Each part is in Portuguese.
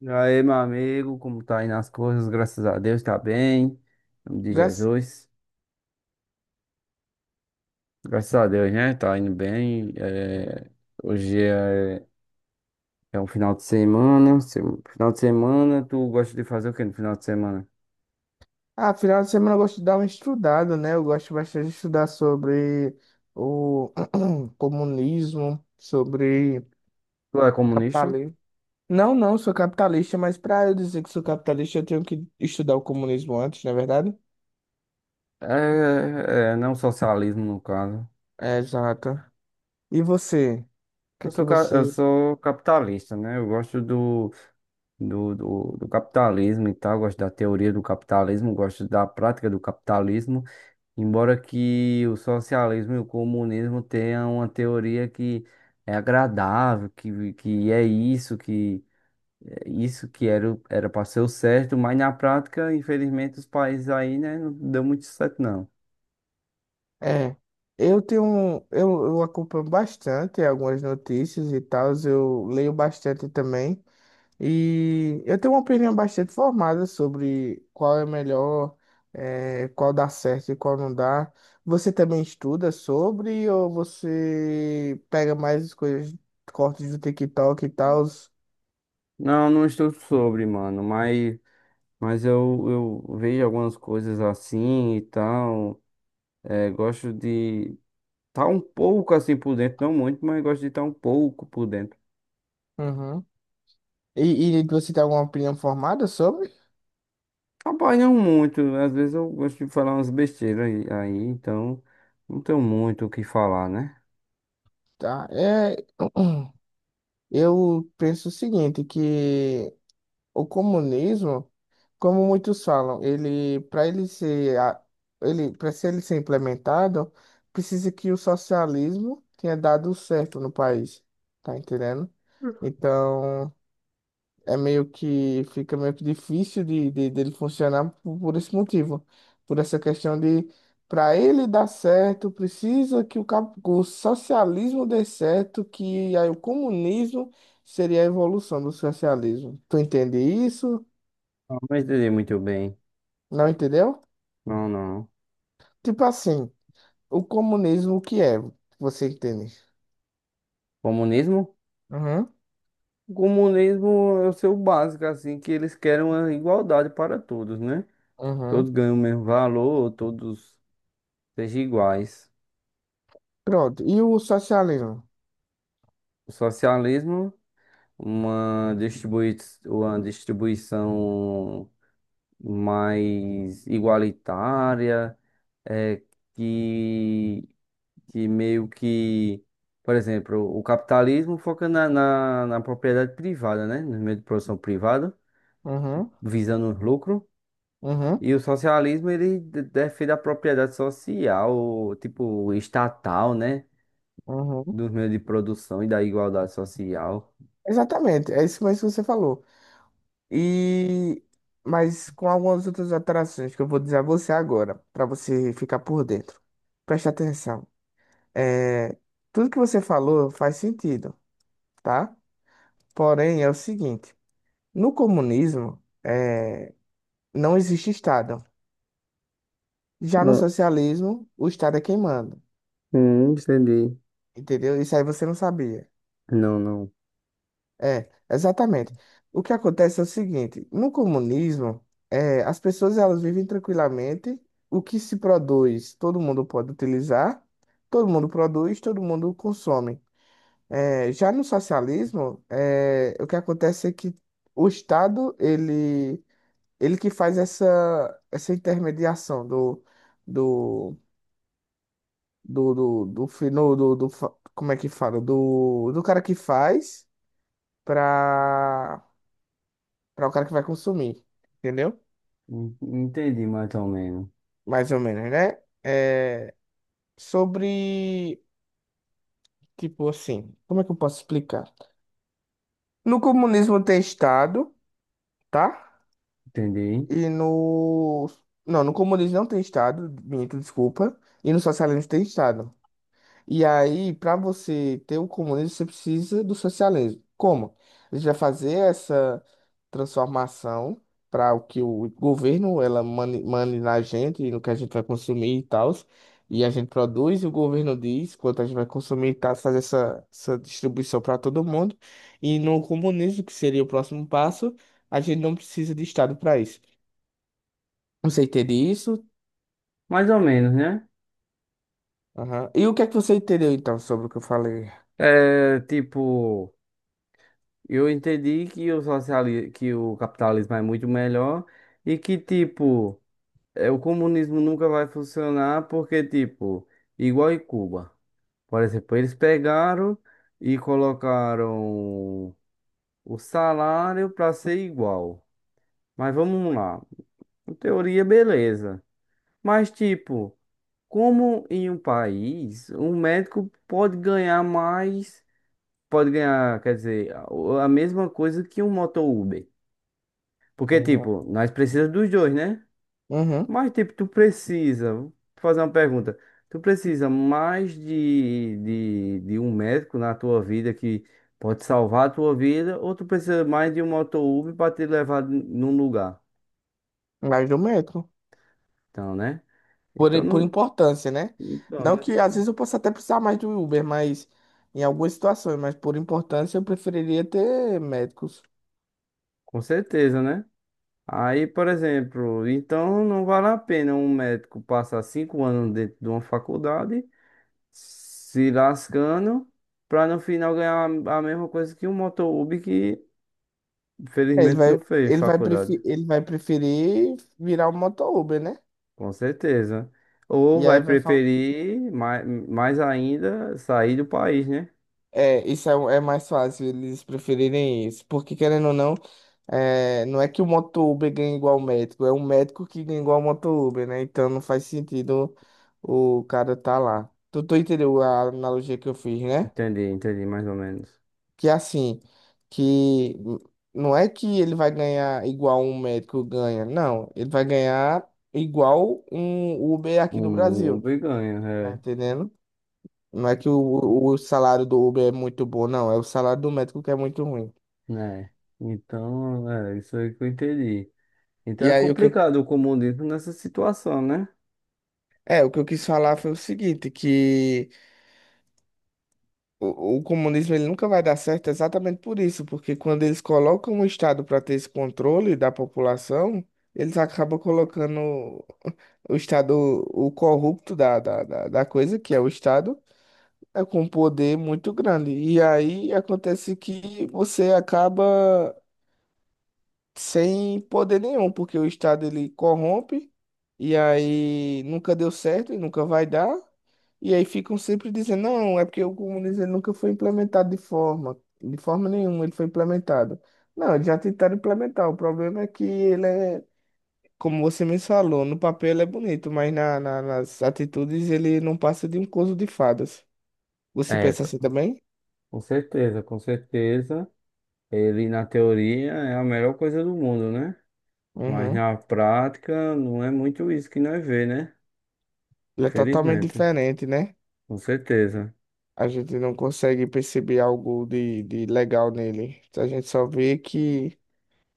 E aí, meu amigo, como tá indo as coisas? Graças a Deus, tá bem. Em nome de Graças. Jesus. Graças a Deus, né? Tá indo bem. Hoje é... É um final de semana. Final de semana, tu gosta de fazer o que no final de semana? Ah, final de semana eu gosto de dar uma estudada, né? Eu gosto bastante de estudar sobre o comunismo, sobre Tu é comunista? capitalismo. Não, não, sou capitalista, mas para eu dizer que sou capitalista, eu tenho que estudar o comunismo antes, não é verdade? É, é, não socialismo, no caso. É, exato. E você? O que é que Eu você... sou capitalista, né? Eu gosto do capitalismo e tal, gosto da teoria do capitalismo, gosto da prática do capitalismo. Embora que o socialismo e o comunismo tenham uma teoria que é agradável, que é isso, que é isso que era, era para ser o certo, mas na prática, infelizmente, os países aí, né, não deu muito certo, não. É, eu tenho, eu acompanho bastante algumas notícias e tal, eu leio bastante também. E eu tenho uma opinião bastante formada sobre qual é melhor, qual dá certo e qual não dá. Você também estuda sobre ou você pega mais as coisas, cortes do TikTok e tal? Não, não estou sobre, mano, mas, mas eu vejo algumas coisas assim e tal. É, gosto de estar um pouco assim por dentro, não muito, mas gosto de estar um pouco por dentro. Uhum. E você tem alguma opinião formada sobre? Trabalham muito, às vezes eu gosto de falar umas besteiras aí, então não tenho muito o que falar, né? Tá. É, eu penso o seguinte, que o comunismo, como muitos falam, ele para ser implementado, precisa que o socialismo tenha dado certo no país, tá entendendo? Então, é meio que fica meio que difícil de, dele funcionar por, esse motivo, por essa questão de, para ele dar certo, precisa que o socialismo dê certo, que aí o comunismo seria a evolução do socialismo. Tu entende isso? Ah, mas entendi muito bem. Não entendeu? Não, não. Tipo assim, o comunismo, o que é? Você entende? Comunismo? Uhum, O comunismo é o seu básico, assim, que eles querem uma igualdade para todos, né? uhum. Todos ganham o mesmo valor, todos sejam iguais. Pronto. E o socialismo? O socialismo, uma distribui uma distribuição mais igualitária, é, que que meio que, por exemplo, o capitalismo foca na propriedade privada, né? No meio de produção privada, Uhum, visando os lucros. uhum, E o socialismo, defende a propriedade social, tipo, estatal, né? uhum. Dos meios de produção e da igualdade social. Exatamente, é isso mesmo que você falou. E... Mas com algumas outras alterações que eu vou dizer a você agora, para você ficar por dentro. Preste atenção. É... Tudo que você falou faz sentido, tá? Porém, é o seguinte: no comunismo, não existe Estado. Já no Não socialismo, o Estado é quem manda, Entendi. entendeu? Isso aí você não sabia. Não, não. É, exatamente. O que acontece é o seguinte: no comunismo, é, as pessoas, elas vivem tranquilamente, o que se produz, todo mundo pode utilizar, todo mundo produz, todo mundo consome. É, já no socialismo, é, o que acontece é que o Estado, ele que faz essa intermediação do, do, do, do, fi- no- como é que fala? Do cara que faz para o cara que vai consumir, entendeu? Entendi mais ou menos. Mais ou menos, né? É, sobre, tipo assim, como é que eu posso explicar? No comunismo tem Estado, tá? Entendi. E no... Não, no comunismo não tem Estado, minto, desculpa. E no socialismo tem Estado. E aí, para você ter o comunismo, você precisa do socialismo. Como? A gente vai fazer essa transformação para o que o governo ela mane na gente, no que a gente vai consumir e tal. E a gente produz e o governo diz quanto a gente vai consumir e tal, fazer essa distribuição para todo mundo. E no comunismo, que seria o próximo passo, a gente não precisa de Estado para isso. Você entende isso? Mais ou menos, né? Aham. E o que é que você entendeu então sobre o que eu falei? É, tipo. Eu entendi que o capitalismo é muito melhor e que, tipo, é, o comunismo nunca vai funcionar porque, tipo, igual em Cuba. Por exemplo, eles pegaram e colocaram o salário para ser igual. Mas vamos lá. Em teoria, beleza. Mas, tipo, como em um país, um médico pode ganhar mais, pode ganhar, quer dizer, a mesma coisa que um motor Uber? Porque, Uhum. tipo, nós precisamos dos dois, né? Uhum. Mas, tipo, tu precisa. Vou fazer uma pergunta. Tu precisa mais de um médico na tua vida que pode salvar a tua vida, ou tu precisa mais de um moto-Uber para te levar num lugar? Mas do metro. Então, né? Por, Então, por não, importância, né? então, Não né? que às vezes eu possa até precisar mais do Uber, mas em algumas situações, mas por importância eu preferiria ter médicos. Com certeza, né? Aí, por exemplo, então não vale a pena um médico passar 5 anos dentro de uma faculdade se lascando pra no final ganhar a mesma coisa que o Motolub que É, Ele infelizmente não vai, fez ele vai, faculdade, preferir, ele vai preferir virar um moto Uber, né? com certeza. Ou E vai aí vai faltar. preferir mais, mais ainda sair do país, né? É, isso é, é mais fácil eles preferirem isso. Porque, querendo ou não, é, não é que o moto Uber ganha igual o médico, é o médico que ganha igual o moto Uber, né? Então não faz sentido o cara tá lá. Tu, tu entendeu a analogia que eu fiz, né? Entendi, entendi mais ou menos. Que é assim, que não é que ele vai ganhar igual um médico ganha, não, ele vai ganhar igual um Uber aqui do Um Brasil, Uber ganha, tá é, entendendo? Não é que o salário do Uber é muito bom, não, é o salário do médico que é muito ruim. né? Então, é isso aí que eu entendi. Então E é aí o que eu, complicado o comunismo nessa situação, né? é, o que eu quis falar foi o seguinte, que o comunismo, ele nunca vai dar certo exatamente por isso, porque quando eles colocam o Estado para ter esse controle da população, eles acabam colocando o Estado, o corrupto da coisa, que é o Estado, é com um poder muito grande. E aí acontece que você acaba sem poder nenhum, porque o Estado, ele corrompe, e aí nunca deu certo e nunca vai dar. E aí ficam sempre dizendo: não, é porque o comunismo, ele nunca foi implementado de forma nenhuma, ele foi implementado. Não, eles já tentaram implementar, o problema é que ele é, como você me falou, no papel ele é bonito, mas na, nas atitudes ele não passa de um conto de fadas. Você É, pensa assim também? com certeza, com certeza. Ele, na teoria, é a melhor coisa do mundo, né? Mas Uhum. na prática não é muito isso que nós vê, né? Ele é totalmente Felizmente, diferente, né? com certeza. A gente não consegue perceber algo de, legal nele. A gente só vê que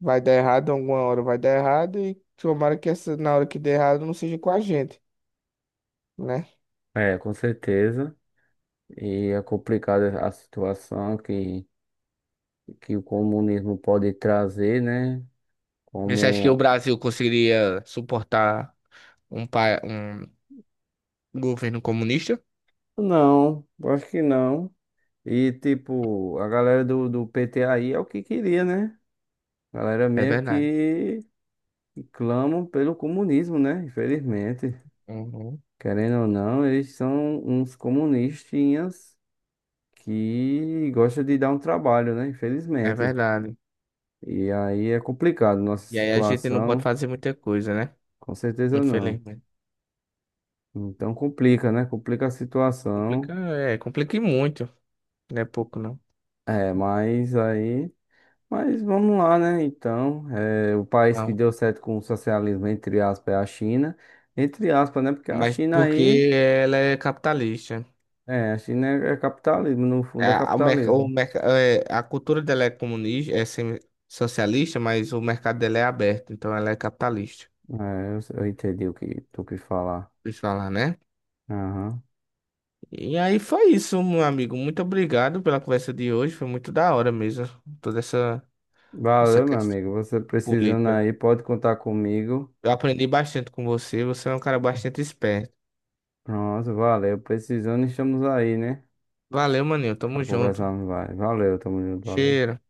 vai dar errado alguma hora, vai dar errado, e tomara que essa, na hora que der errado, não seja com a gente, né? É, com certeza. E é complicada a situação que o comunismo pode trazer, né? Você acha que o Como. Brasil conseguiria suportar um governo comunista? Não, acho que não. E, tipo, a galera do PT aí é o que queria, né? A galera É meio verdade. Que clamam pelo comunismo, né? Infelizmente. Uhum. Querendo ou não, eles são uns comunistinhas que gosta de dar um trabalho, né? É Infelizmente. verdade. E aí é complicado nossa E aí a gente não pode situação, fazer muita coisa, né? com certeza não. Infelizmente. Então complica, né? Complica a Complica, situação. é, complica e muito, não é pouco não. É, mas aí. Mas vamos lá, né? Então, é, o país que Não. deu certo com o socialismo, entre aspas, é a China. Entre aspas, né? Porque a Mas China aí. porque ela é capitalista. É, a China é, é capitalismo, no É, fundo é a, o capitalismo. merc- é, a cultura dela é comunista, é semi- socialista, mas o mercado dela é aberto, então ela é capitalista. É, eu entendi o que tu quis falar. Deixa eu falar, né? Aham. E aí foi isso, meu amigo. Muito obrigado pela conversa de hoje. Foi muito da hora mesmo, toda essa Valeu, meu questão amigo. Você precisando política. aí, pode contar comigo. Eu aprendi bastante com você. Você é um cara bastante esperto. Pronto, valeu. Precisando, estamos aí, né? Valeu, maninho. Tamo Pra junto. conversar vai Valeu, tamo junto, valeu. Cheiro.